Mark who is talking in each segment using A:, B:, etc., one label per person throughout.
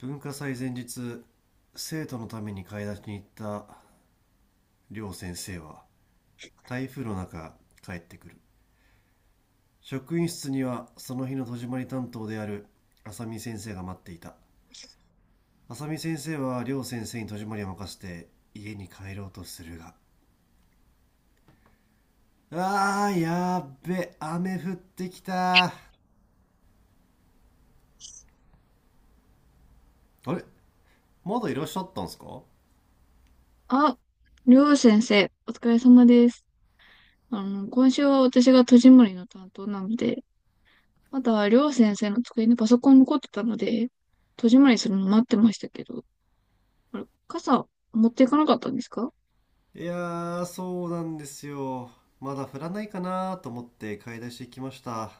A: 文化祭前日、生徒のために買い出しに行った両先生は台風の中帰ってくる。職員室にはその日の戸締まり担当である浅見先生が待っていた。浅見先生は両先生に戸締まりを任せて家に帰ろうとするが、あーやっべ、雨降ってきた。あれ、まだいらっしゃったんすか？
B: あ、りょう先生、お疲れ様です。今週は私が戸締まりの担当なので、まだりょう先生の机にパソコン残ってたので、戸締まりするの待ってましたけど、あれ、傘持っていかなかったんですか？
A: いやーそうなんですよ。まだ降らないかなと思って買い出し行きました。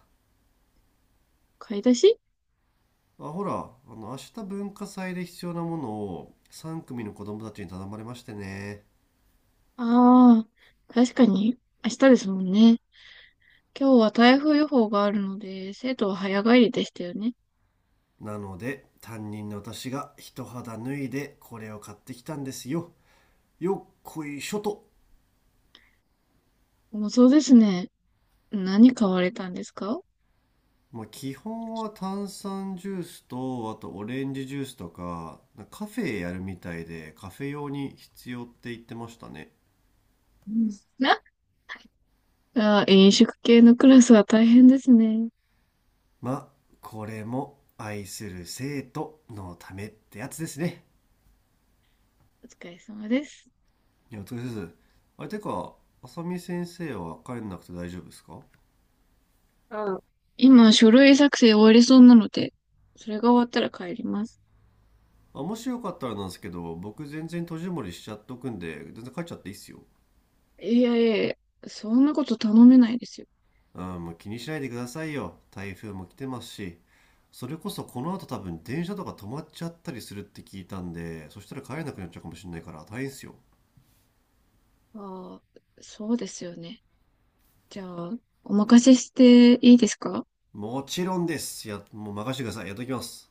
B: 買い出し？
A: あ、ほら、明日文化祭で必要なものを3組の子供たちに頼まれましてね。
B: ああー、確かに、明日ですもんね。今日は台風予報があるので、生徒は早帰りでしたよね。
A: なので、担任の私が一肌脱いでこれを買ってきたんですよ。よっこいしょと。
B: もうそうですね。何買われたんですか？
A: まあ、基本は炭酸ジュースと、あとオレンジジュースとか、カフェやるみたいで、カフェ用に必要って言ってましたね。
B: うん。な、あー、飲食系のクラスは大変ですね。
A: まあ、これも愛する生徒のためってやつですね。
B: お疲れ様です。
A: いや、お疲れ様です。あれ、てか、浅見先生は帰んなくて大丈夫ですか？
B: あ、今、書類作成終わりそうなので、それが終わったら帰ります。
A: あ、もしよかったらなんですけど、僕全然閉じこもりしちゃっとくんで、全然帰っちゃっていいっすよ。
B: いやいやいや、そんなこと頼めないですよ。
A: あー、もう気にしないでくださいよ。台風も来てますし、それこそこの後多分電車とか止まっちゃったりするって聞いたんで、そしたら帰れなくなっちゃうかもしれないから大変っすよ。
B: ああ、そうですよね。じゃあ、お任せしていいですか？
A: もちろんです。や、もう任せてください。やっときます。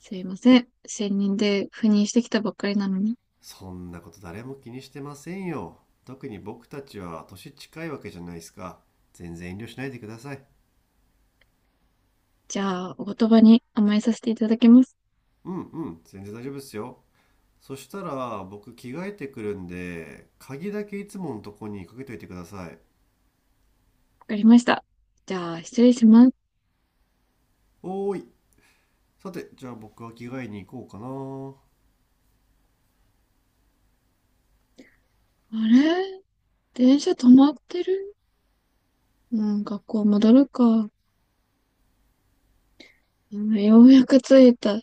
B: すいません。専任で赴任してきたばっかりなのに。
A: そんなこと誰も気にしてませんよ。特に僕たちは年近いわけじゃないですか。全然遠慮しないでください。
B: じゃあ、お言葉に甘えさせていただきます。
A: うんうん、全然大丈夫ですよ。そしたら僕着替えてくるんで、鍵だけいつものとこにかけといてください。
B: わかりました。じゃあ、失礼します。
A: おーい。さてじゃあ僕は着替えに行こ
B: あれ、電車止まってる。うん、学校戻るか。うん、ようやく着いた。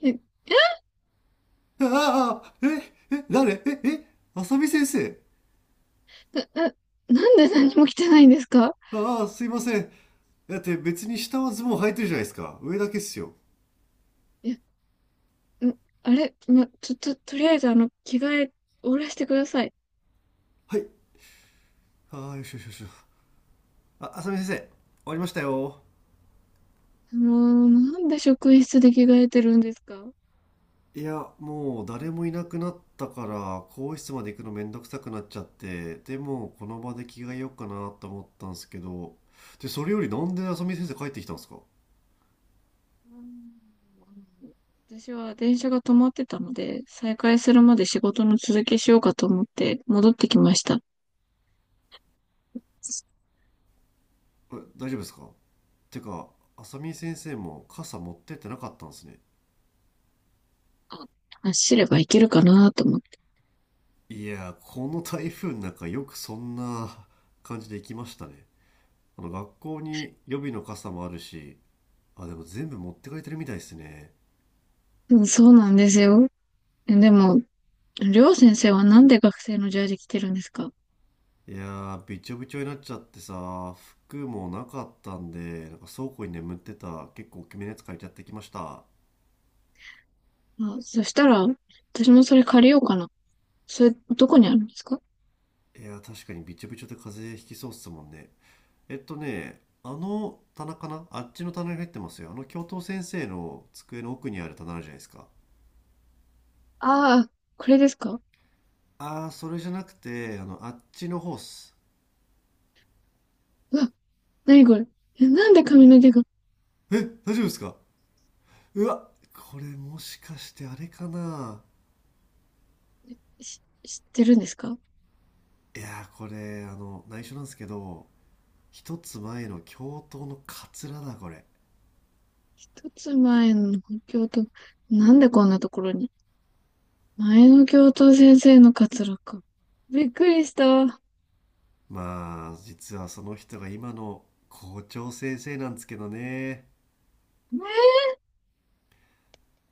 B: え、
A: うかな。ああ、ええ、誰、ええ、浅見先生。
B: な、な、なんで何も着てないんですか？
A: ああ、すいません。だって別に下はズボン履いてるじゃないですか。上だけっすよ。
B: いや、んあれ、ま、ちょ、と、とりあえず着替え、おらしてください。
A: はい。ああ、よしよしよし。あ、浅見先生、終わりましたよ。
B: もう、なんで職員室で着替えてるんですか？う
A: いや、もう誰もいなくなったから、更衣室まで行くのめんどくさくなっちゃって、でもこの場で着替えようかなと思ったんですけど、で、それよりなんで浅見先生帰ってきたんですか？
B: ん。私は電車が止まってたので、再開するまで仕事の続きしようかと思って戻ってきました。
A: え、大丈夫ですか？てか、浅見先生も傘持ってってなかったんですね。
B: あ、走ればいけるかなと思って。
A: いや、この台風の中よくそんな感じで行きましたね。学校に予備の傘もあるし、あ、でも全部持ってかれてるみたいですね。
B: うん、そうなんですよ。え、でも、りょう先生はなんで学生のジャージ着てるんですか？
A: いやー、びちょびちょになっちゃってさ、服もなかったんで、なんか倉庫に眠ってた結構大きめのやつ借りちゃってきました。
B: あ、そしたら、私もそれ借りようかな。それ、どこにあるんですか？
A: いやー、確かにびちょびちょで風邪ひきそうっすもんね。棚かな、あっちの棚に入ってますよ。教頭先生の机の奥にある棚あるじゃないですか。
B: ああー、これですか？
A: あー、それじゃなくて、あっちのホース。
B: うわ、なにこれ？え、なんで髪の毛が、
A: え、大丈夫ですか？うわ、これもしかしてあれかな。
B: 知ってるんですか？
A: いやー、これ、内緒なんですけど、一つ前の教頭のカツラだこれ。
B: 一つ前の教頭、なんでこんなところに、前の教頭先生のカツラか。びっくりした。
A: まあ実はその人が今の校長先生なんですけどね。
B: え。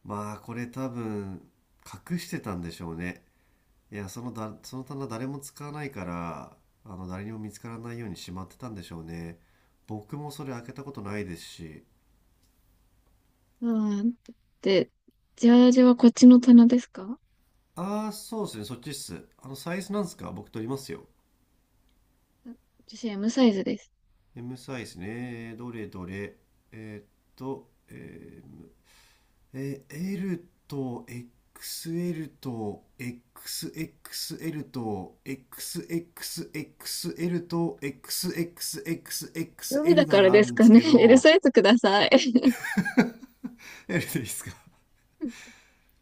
A: まあこれ多分隠してたんでしょうね。いやだ、その棚誰も使わないから、誰にも見つからないようにしまってたんでしょうね。僕もそれ開けたことないですし。
B: うん。で、ジャージはこっちの棚ですか？
A: ああそうですね、そっちっす。サイズなんですか？僕取りますよ。
B: 私 M サイズです。
A: M サイズね、どれどれ。えーっと、えーL と XL と XXL と XXXL と
B: 海だ
A: XXXXL
B: か
A: な
B: ら
A: らあ
B: で
A: る
B: す
A: んで
B: か
A: す
B: ね。
A: け
B: L
A: ど、
B: サイズください。
A: L でいいですか？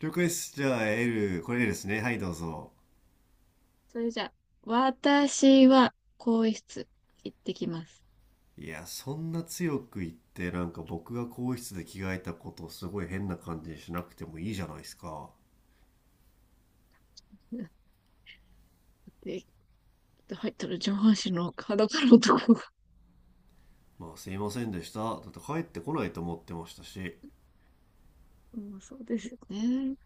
A: 了解です。じゃあ L、これ L ですね。はい、どうぞ。
B: それじゃあ、私は更衣室行ってきます。
A: いや、そんな強く言って、なんか僕が更衣室で着替えたことをすごい変な感じにしなくてもいいじゃないですか。
B: て入ったら上半身の裸のとこが。
A: まあ、すいませんでした。だって帰ってこないと思ってましたし。
B: うん、そうですよね。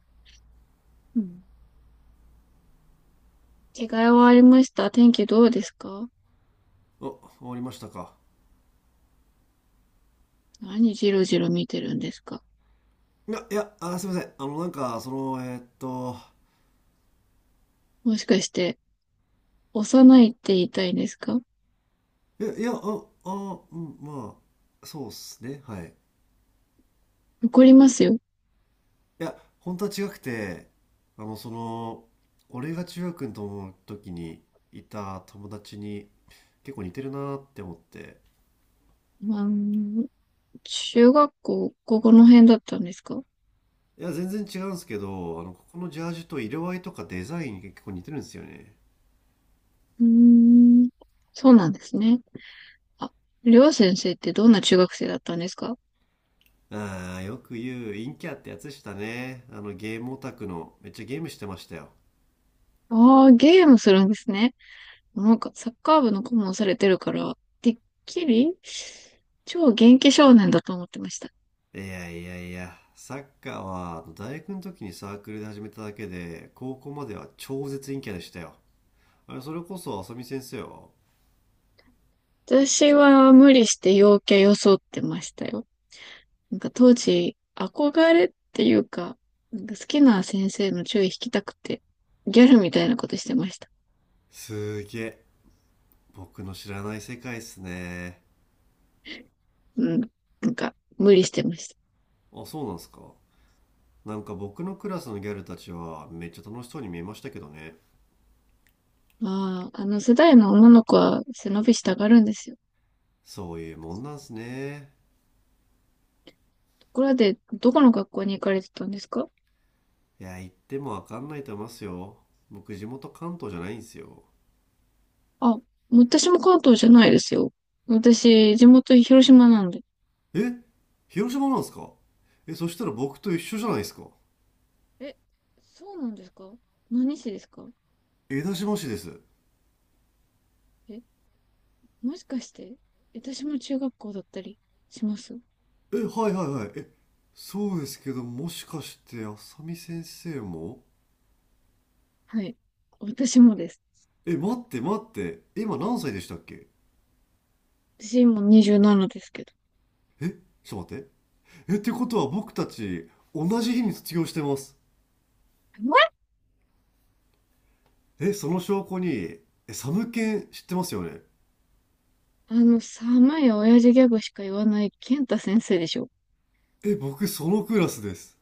B: うん。着替えはありました。天気どうですか？
A: あ、終わりましたか。
B: 何じろじろ見てるんですか？
A: いや、いや、あ、すみません。
B: もしかして、幼いって言いたいんですか？
A: いや、いや、あ、あ、うん、まあ、そうっすね。はい。
B: 怒りますよ。
A: いや、本当は違くて、あの、その、俺が中学の時にいた友達に結構似てるなって思って。
B: まあ、うん、中学校、ここの辺だったんですか？う
A: いや、全然違うんですけど、ここのジャージと色合いとかデザイン結構似てるんですよね。
B: ーん、そうなんですね。あ、りょう先生ってどんな中学生だったんですか？
A: ああ、よく言う、陰キャってやつでしたね。ゲームオタクの、めっちゃゲームしてましたよ。
B: ああー、ゲームするんですね。なんかサッカー部の顧問されてるから、てっきり超元気少年だと思ってました。
A: いやいやいや、サッカーは大学の時にサークルで始めただけで、高校までは超絶陰キャでしたよ。あれ、それこそ浅見先生は。
B: 私は無理して陽キャ装ってましたよ。なんか当時、憧れっていうか、なんか好きな先生の注意引きたくて、ギャルみたいなことしてました。
A: すーげえ、僕の知らない世界っすね。
B: うん。なんか、無理してました。
A: あ、そうなんすか。なんか僕のクラスのギャルたちはめっちゃ楽しそうに見えましたけどね。
B: ああ、あの世代の女の子は背伸びしたがるんですよ。
A: そういうもんなんすね。
B: ところで、どこの学校に行かれてたんですか？
A: いや、言ってもわかんないと思いますよ。僕地元関東じゃないんすよ。
B: あ、私も関東じゃないですよ。私、地元広島なんで。
A: え、広島なんすか？え、そしたら僕と一緒じゃないですか。
B: え、そうなんですか？何市ですか？
A: 江田島市です。
B: え、もしかして、私も中学校だったりします？
A: え、はいはいはい。え、そうですけど、もしかして、あさみ先生も。
B: はい。私もです。
A: え、待って待って。今何歳でしたっけ？
B: 私今27ですけど。
A: え、ちょっと待って。え、ってことは僕たち、同じ日に卒業してます。
B: え、
A: え、その証拠に、え、サムケン知ってますよね？
B: 寒い親父ギャグしか言わない健太先生でしょ。
A: え、僕そのクラスです。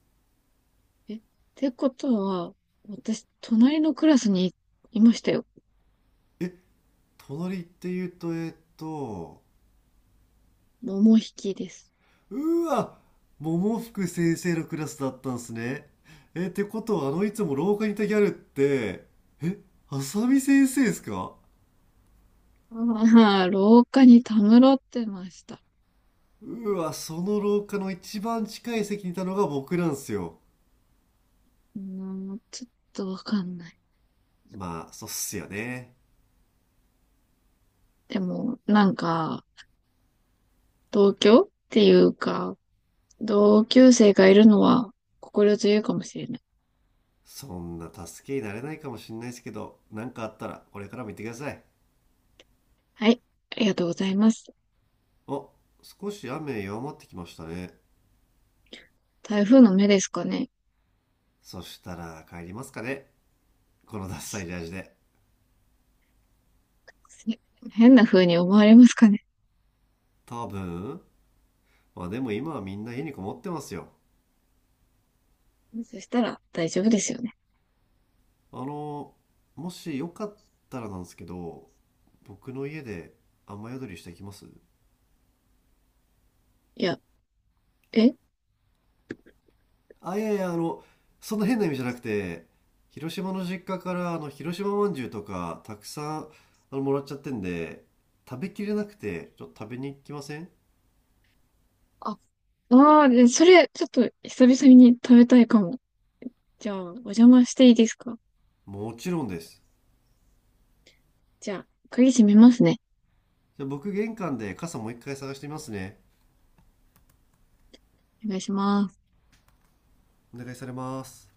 B: え、ってことは、私、隣のクラスにいましたよ。
A: え、隣って言うと、えっと、
B: 桃引きです。
A: うわ、桃福先生のクラスだったんすね。え、ってことは、あのいつも廊下にいたギャルって、え、あさみ先生ですか？
B: ああ、廊下にたむろってました。
A: うわ、その廊下の一番近い席にいたのが僕なんですよ。
B: うーん、ちょっとわかんない。
A: まあ、そうっすよね。
B: でも、なんか、同居っていうか、同級生がいるのは心強いかもしれない。
A: そんな助けになれないかもしんないですけど、何かあったらこれからも言ってください。
B: はい、ありがとうございます。
A: お、少し雨弱まってきましたね。
B: 台風の目ですかね。
A: そしたら帰りますかね。このダッサいジャージで。
B: せ変な風に思われますかね。
A: 多分。まあでも今はみんな家にこもってますよ。
B: そしたら大丈夫ですよね。
A: あの、もしよかったらなんですけど、僕の家で雨宿りしてきます？
B: いや、え
A: あ、いやいや、そんな変な意味じゃなくて、広島の実家から広島まんじゅうとかたくさんもらっちゃってんで、食べきれなくてちょっと食べに行きません？
B: あ、ああ、でそれ、ちょっと久々に食べたいかも。じゃあ、お邪魔していいですか？
A: もちろんです。
B: じゃあ、鍵閉めますね。
A: じゃあ僕玄関で傘もう一回探してみますね。
B: お願いします。
A: お願いされます。